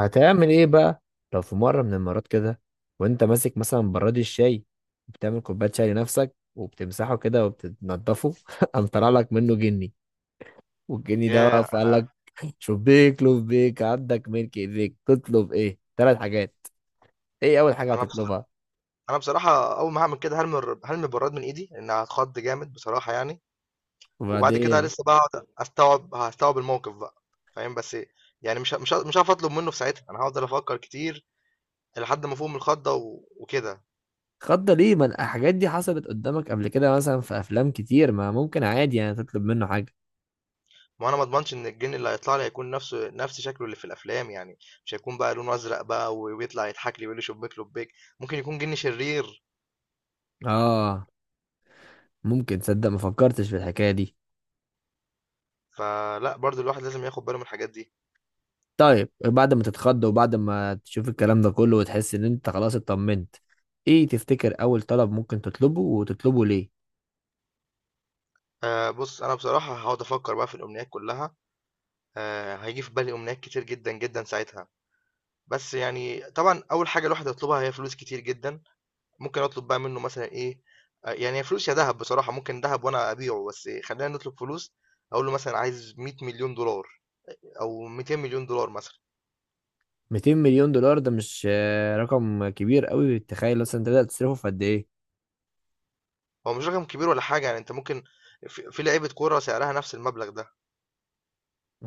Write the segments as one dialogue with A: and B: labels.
A: هتعمل ايه بقى؟ لو في مرة من المرات كده وانت ماسك مثلا براد الشاي، بتعمل كوباية شاي لنفسك وبتمسحه كده وبتنضفه قام طلع لك منه جني، والجني ده
B: ياه!
A: بقى فقال
B: أنا
A: لك شبيك لبيك عندك ملك ايديك، تطلب ايه ثلاث حاجات؟ ايه اول حاجة
B: أنا بص،
A: هتطلبها؟
B: أنا بصراحة أول ما هاعمل كده هارمي هارمي البراد من إيدي، لإن هاتخض جامد بصراحة يعني، وبعد كده
A: وبعدين؟
B: لسه بقى هاقعد أستوعب هاستوعب الموقف بقى، فاهم؟ بس يعني مش هاعرف أطلب منه في ساعتها، أنا هافضل أفكر كتير لحد ما أفوق من الخضة و وكده،
A: خضة ليه؟ ما الحاجات دي حصلت قدامك قبل كده، مثلا في افلام كتير، ما ممكن عادي يعني تطلب منه حاجة.
B: ما هو أنا ما اضمنش إن الجِن اللي هيطلع لي هيكون نفسه نفس شكله اللي في الأفلام، يعني مش هيكون بقى لونه أزرق بقى و ويطلع يضحك لي ويقول لي شبيك لبيك، ممكن يكون جِن شرير،
A: اه، ممكن تصدق ما فكرتش في الحكاية دي.
B: فلأ برضه الواحد لازم ياخد باله من الحاجات دي.
A: طيب بعد ما تتخض وبعد ما تشوف الكلام ده كله وتحس ان انت خلاص اطمنت، ايه تفتكر اول طلب ممكن تطلبه وتطلبه ليه؟
B: بُص، أنا بصراحة هاقعد أفكر بقى في الأمنيات كلها. هييجي في بالي أمنيات كتير جدًا، جدًا ساعتها، بس يعني طبعًا أول حاجة الواحد هيطلبها هي فلوس كتير جدًا، ممكن أطلب بقى منه مثلًا إيه، يعني هي فلوس يا دهب بصراحة، ممكن دهب وأنا أبيعه، بس خلّينا نطلب فلوس، أقول له مثلًا عايز 100,000,000$ أو 200,000,000$ مثلًا،
A: 200 مليون دولار ده مش رقم كبير قوي؟ تخيل مثلا انت تقدر تصرفه في قد ايه.
B: هو مش رقم كبير ولا حاجة يعني أنت ممكن في لعيبة كورة سعرها نفس المبلغ ده.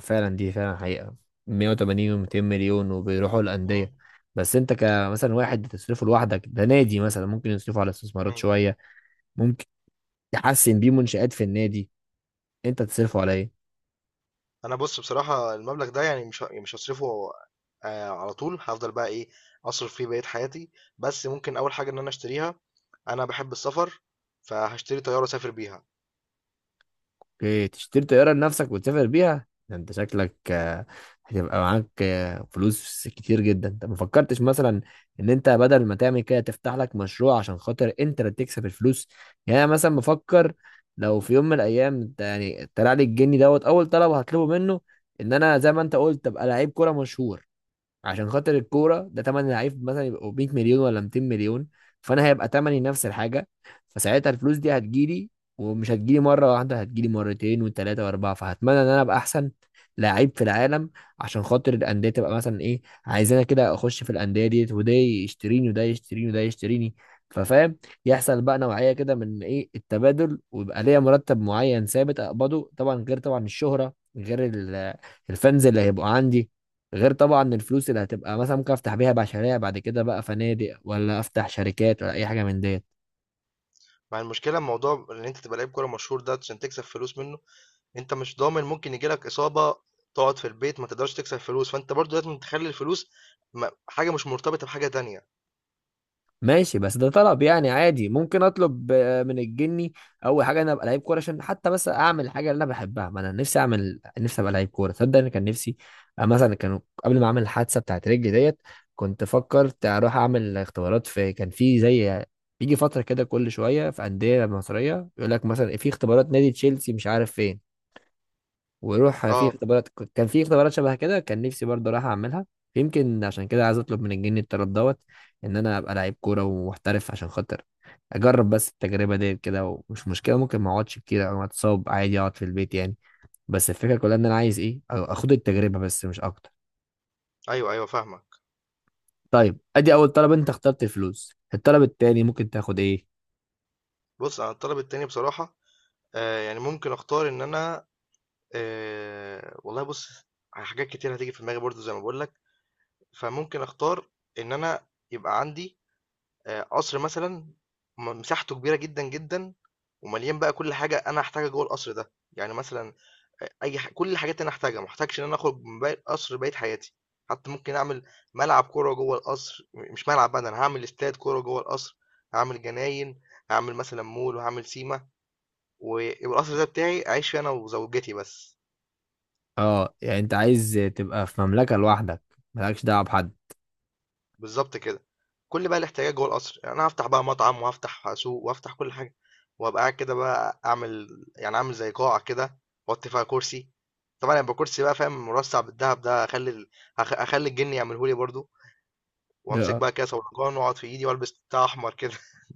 A: فعلا دي فعلا حقيقة، 180 و200 مليون وبيروحوا
B: إمم.
A: الأندية. بس انت كمثلا واحد تصرفه لوحدك، ده نادي مثلا ممكن يصرفه على استثمارات
B: إمم.
A: شوية، ممكن يحسن بيه منشآت في النادي، انت تصرفه على ايه؟
B: أنا بُص بصراحة المبلغ ده يعني مش ه يعني مش هاصرفه على طول، هافضل بقى إيه، أصرف فيه بقية حياتي، بس ممكن أول حاجة إن أنا أشتريها، انا بحب السفر فهشتري طياره اسافر بيها.
A: اوكي، تشتري طيارة لنفسك وتسافر بيها. ده انت شكلك هتبقى معاك فلوس كتير جدا. انت ما فكرتش مثلا ان انت بدل ما تعمل كده تفتح لك مشروع عشان خاطر انت اللي تكسب الفلوس؟ يعني انا مثلا بفكر، لو في يوم من الايام انت يعني طلع لي الجني دوت، اول طلب هطلبه منه ان انا زي ما انت قلت ابقى لعيب كورة مشهور، عشان خاطر الكوره ده تمن لعيب مثلا يبقوا 100 مليون ولا 200 مليون، فانا هيبقى تمني نفس الحاجه، فساعتها الفلوس دي هتجيلي، ومش هتجيلي مره واحده، هتجيلي مرتين وثلاثه واربعه، فهتمنى ان انا ابقى احسن لعيب في العالم، عشان خاطر الانديه تبقى مثلا ايه، عايزانا كده اخش في الانديه ديت، وده يشتريني وده يشتريني وده يشتريني، ففاهم، يحصل بقى نوعيه كده من ايه التبادل، ويبقى ليا مرتب معين ثابت اقبضه، طبعا غير طبعا الشهره، غير الفانز اللي هيبقوا عندي، غير طبعا الفلوس اللي هتبقى مثلا، ممكن افتح بيها مشاريع بعد كده بقى، فنادق ولا افتح شركات ولا اي حاجه من ديت.
B: مع المشكله الموضوع ان انت تبقى لعيب كوره مشهور ده عشان تكسب فلوس منه، انت مش ضامن ممكن يجيلك اصابه تقعد في البيت ما تقدرش تكسب فلوس، فانت برضو لازم تخلي الفلوس حاجه مش مرتبطه بحاجه تانية.
A: ماشي، بس ده طلب يعني عادي ممكن اطلب من الجني. اول حاجه انا ابقى لعيب كوره، عشان حتى بس اعمل حاجه اللي انا بحبها، ما انا نفسي اعمل نفسي ابقى لعيب كوره. تصدق انا كان نفسي مثلا كانوا قبل ما اعمل الحادثه بتاعت رجلي ديت كنت فكرت اروح اعمل اختبارات، في كان في زي، بيجي فتره كده كل شويه في انديه مصريه يقول لك مثلا في اختبارات نادي تشيلسي مش عارف فين، ويروح في
B: اه،
A: اختبارات، كان في اختبارات شبه كده، كان نفسي برضه راح اعملها. يمكن عشان كده عايز اطلب من الجني الطلب دوت ان انا ابقى لعيب كوره ومحترف، عشان خاطر اجرب بس التجربه دي كده، ومش مشكله ممكن ما اقعدش كتير او اتصاب، عادي اقعد في البيت يعني، بس الفكره كلها ان انا عايز ايه أو اخد التجربه بس مش اكتر.
B: ايوه ايوه فاهمك.
A: طيب ادي اول طلب انت اخترت الفلوس، الطلب التاني ممكن تاخد ايه؟
B: بص انا الطلب التاني بصراحه يعني ممكن اختار ان انا والله بص، على حاجات كتير هتيجي في دماغي برضو زي ما بقول لك، فممكن اختار ان انا يبقى عندي قصر مثلًا، مساحته كبيرة جدًا، جدًا ومليان بقى كل حاجة أنا هاحتاجها جوّه القصر ده، يعني مثلًا أ أي ح كل الحاجات اللي أنا هاحتاجها، ما احتاجش إن أنا أخرج من باقي القصر بقية حياتي، حتى ممكن أعمل ملعب كورة جوّه القصر، مش ملعب بقى ده أنا هاعمل استاد كورة جوّه القصر، هاعمل جناين، هاعمل مثلًا مول وهاعمل سيما، ويبقى القصر ده بتاعي أعيش فيه أنا وزوجتي بس.
A: اه، يعني انت عايز تبقى في مملكه لوحدك، مالكش دعوه بحد.
B: بالضبط كده. كل بقى الاحتياجات جوه القصر، يعني أنا هافتح بقى مطعم وهافتح سوق وهافتح كل حاجة، وهابقى قاعد كده بقى أعمل، يعني أعمل زي قاعة كده وأحط فيها كرسي، طبعًا هيبقى كرسي بقى فاهم مرصع بالدهب ده، هاخلّي ال هاخ هاخلّي الجِن يعمله لي برضه، وأمسك
A: اه،
B: بقى كاسة ولقان وأقعد في إيدي وألبس بتاع أحمر كده،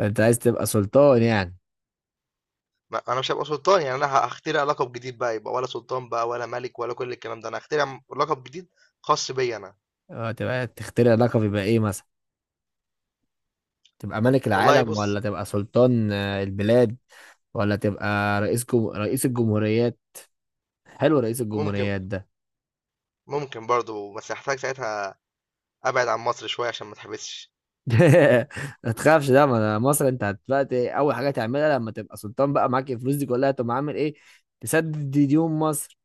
A: انت عايز تبقى سلطان يعني.
B: ما أنا مش هابقى سلطان، يعني أنا هاخترع لقب جديد بقى، يبقى ولا سلطان بقى ولا ملك ولا كل الكلام ده، أنا هاخترع لقب جديد خاص بيّا أنا،
A: تبقى تخترع لقب، يبقى ايه مثلا؟ تبقى ملك
B: والله
A: العالم
B: بُص.
A: ولا تبقى سلطان البلاد، ولا تبقى رئيس الجمهوريات؟ حلو رئيس
B: ممكن
A: الجمهوريات ده.
B: ممكن برضه بس هاحتاج ساعتها أبعد عن مصر شوية عشان ما اتحبسش.
A: ما تخافش، ده ما ده مصر. انت دلوقتي اول حاجه تعملها لما تبقى سلطان بقى معاك الفلوس دي كلها، تقوم عامل ايه؟ تسدد دي ديون مصر.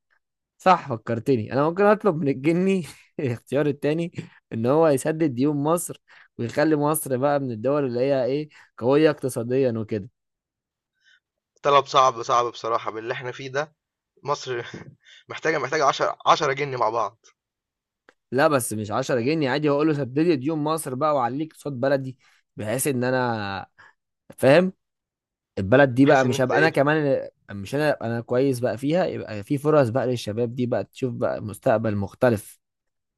A: صح، فكرتني، انا ممكن اطلب من الجني الاختيار التاني ان هو يسدد ديون مصر، ويخلي مصر بقى من الدول اللي هي ايه، قويه اقتصاديا وكده.
B: طلب صعب صعب بصراحة باللي احنا فيه ده، مصر محتاجة 10 جني مع بعض،
A: لا بس مش 10 جنيه، عادي هقول له سدد لي ديون مصر بقى وعليك صوت بلدي، بحيث ان انا، فاهم، البلد دي بقى،
B: بحيث ان
A: مش
B: انت
A: هبقى انا
B: ايه.
A: كمان اللي- مش انا أبقى انا كويس بقى فيها، يبقى في فرص بقى للشباب دي بقى تشوف بقى مستقبل مختلف،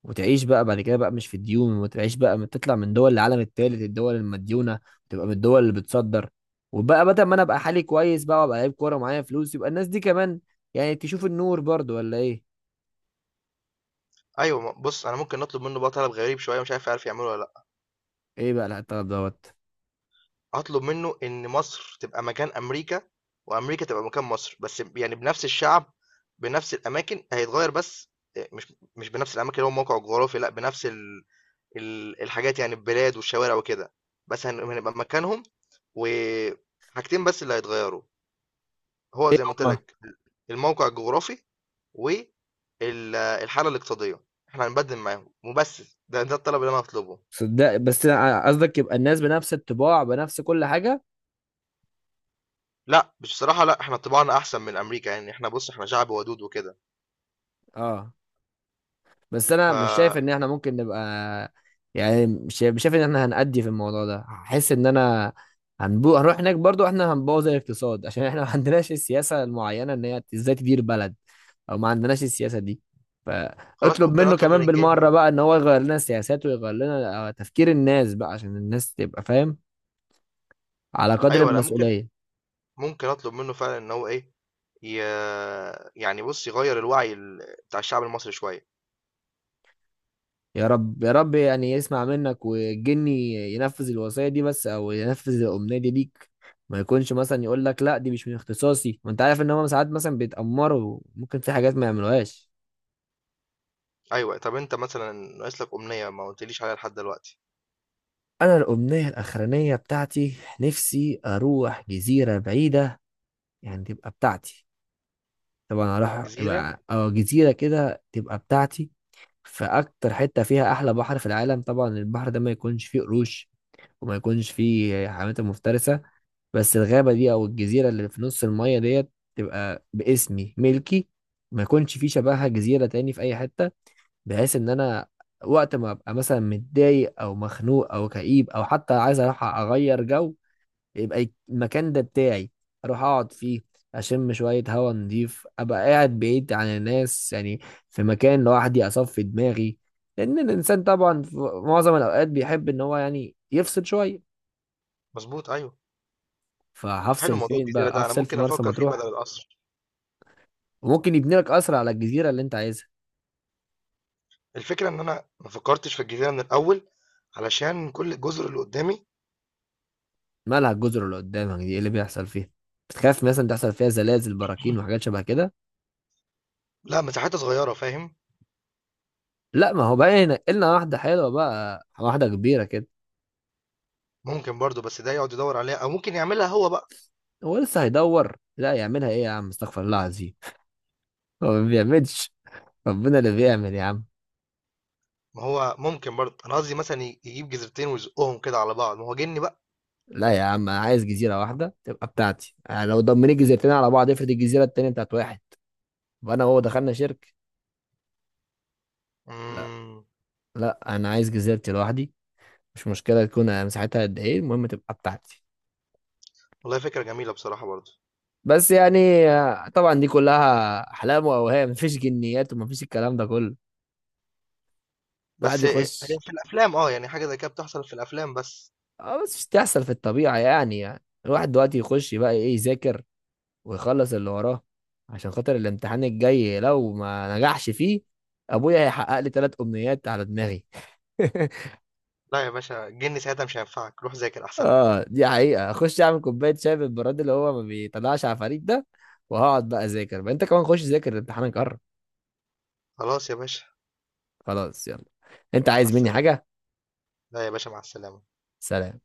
A: وتعيش بقى بعد كده بقى مش في الديون، وتعيش بقى تطلع من دول العالم الثالث الدول المديونة، تبقى من الدول اللي بتصدر، وبقى بدل ما انا ابقى حالي كويس بقى وابقى لعيب كورة ومعايا فلوس، يبقى الناس دي كمان يعني تشوف النور برضو ولا ايه.
B: ايوه، بص انا ممكن نطلب منه بقى طلب غريب شوية مش عارف يعرف يعمله ولا لا،
A: ايه بقى الطلب دوت؟
B: هطلب منه ان مصر تبقى مكان امريكا وامريكا تبقى مكان مصر، بس يعني بنفس الشعب بنفس الاماكن هيتغير بس، إيه، مش مش بنفس الاماكن اللي هو موقع جغرافي، لا بنفس الحاجات، يعني البلاد والشوارع وكده، بس هنبقى مكانهم، وحاجتين بس اللي هيتغيروا، هو
A: ايه
B: زي ما قلت
A: هم؟
B: لك: الموقع الجغرافي والحالة الاقتصادية، احنا هنبدل معاهم وبس، ده الطلب اللي انا هطلبه.
A: صدق بس قصدك يبقى الناس بنفس الطباع بنفس كل حاجة؟
B: لا بصراحة لا، احنا طباعنا احسن من امريكا، يعني احنا بص احنا شعب ودود وكده،
A: اه، بس
B: ف
A: انا مش شايف ان احنا ممكن نبقى، يعني مش شايف ان احنا هنأدي في الموضوع ده، هحس ان انا هنروح هناك برضو احنا هنبوظ الاقتصاد، عشان احنا ما عندناش السياسة المعينة ان هي ازاي تدير بلد، او ما عندناش السياسة دي،
B: خلاص
A: فاطلب
B: ممكن
A: منه
B: اطلب من
A: كمان بالمرة
B: الجني،
A: بقى ان هو يغير لنا السياسات، ويغير لنا تفكير الناس بقى، عشان الناس تبقى فاهم على قدر
B: ايوه لا ممكن،
A: المسؤولية.
B: ممكن اطلب منه فعلا ان هو ايه، ي... يعني بص يغير الوعي بتاع الشعب المصري شوية.
A: يا رب يا رب يعني يسمع منك والجني ينفذ الوصية دي، بس او ينفذ الأمنية دي ليك، ما يكونش مثلا يقول لك لا دي مش من اختصاصي. وانت عارف ان هم ساعات مثلا بيتأمروا ممكن في حاجات ما يعملوهاش.
B: ايوه طب انت مثلا ناقص لك امنية ما قلتليش عليها لحد دلوقتي.
A: انا الأمنية الأخرانية بتاعتي، نفسي اروح جزيرة بعيدة، يعني تبقى بتاعتي، طبعا اروح
B: جزيرة.
A: يبقى اه جزيرة كده تبقى بتاعتي، في اكتر حتة فيها احلى بحر في العالم، طبعا البحر ده ما يكونش فيه قروش، وما يكونش فيه حيوانات مفترسة، بس الغابة دي أو الجزيرة اللي في نص المية ديت تبقى باسمي ملكي، ما يكونش في شبهها جزيرة تاني في أي حتة، بحيث إن أنا وقت ما أبقى مثلا متضايق أو مخنوق أو كئيب أو حتى عايز أروح أغير جو، يبقى المكان ده بتاعي، أروح أقعد فيه، أشم شوية هوا نضيف، أبقى قاعد بعيد عن الناس يعني، في مكان لوحدي أصفي دماغي، لأن الإنسان طبعا في معظم الأوقات بيحب إن هو يعني يفصل شوية.
B: مظبوط ايوه. حلو
A: فهفصل
B: موضوع
A: فين
B: الجزيرة
A: بقى،
B: ده، انا
A: هفصل في
B: ممكن
A: مرسى
B: افكر فيه بدل
A: مطروح.
B: القصر.
A: وممكن يبني لك قصر على الجزيرة اللي انت عايزها.
B: الفكرة ان انا ما فكرتش في الجزيرة من الاول علشان كل الجزر اللي قدامي،
A: مالها الجزر اللي قدامك دي، ايه اللي بيحصل فيها؟ بتخاف مثلا تحصل فيها زلازل براكين وحاجات شبه كده؟
B: لا مساحتها صغيرة فاهم.
A: لا ما هو بقى، هنا واحدة حلوة بقى، واحدة كبيرة كده.
B: ممكن برضو بس ده يقعد يدور عليها او ممكن يعملها هو بقى،
A: هو لسه هيدور؟ لا يعملها، ايه يا عم استغفر الله العظيم، هو ما بيعملش، ربنا اللي بيعمل يا عم.
B: ما هو ممكن برضو انا قصدي مثلا يجيب جزرتين ويزقهم كده على بعض ما هو جني بقى.
A: لا يا عم انا عايز جزيرة واحدة تبقى بتاعتي، يعني لو ضمني جزيرتين على بعض افرض الجزيرة التانية بتاعت واحد وانا وهو دخلنا شركة. لا،
B: امم.
A: لا انا عايز جزيرتي لوحدي، مش مشكلة تكون مساحتها قد ايه، المهم تبقى بتاعتي.
B: والله فكرة جميلة بصراحة برضو،
A: بس يعني طبعا دي كلها احلام واوهام، مفيش جنيات ومفيش الكلام ده كله، الواحد
B: بس هي
A: يخش.
B: في الافلام، اه يعني حاجة زي كده بتحصل في الافلام بس.
A: اه بس مش تحصل في الطبيعه يعني، يعني الواحد دلوقتي يخش بقى ايه يذاكر، ويخلص اللي وراه، عشان خاطر الامتحان الجاي، لو ما نجحش فيه ابويا هيحقق لي ثلاث امنيات على دماغي.
B: لا يا باشا الجن ساعتها مش هينفعك، روح ذاكر احسن لك.
A: اه دي حقيقه، اخش اعمل كوبايه شاي بالبراد اللي هو ما بيطلعش عفاريت ده، وهقعد بقى اذاكر بقى. انت كمان خش ذاكر، امتحانك قرب.
B: خلاص يا باشا.
A: خلاص يلا، انت
B: مع
A: عايز مني
B: السلامة.
A: حاجه؟
B: لا يا باشا مع السلامة.
A: سلام.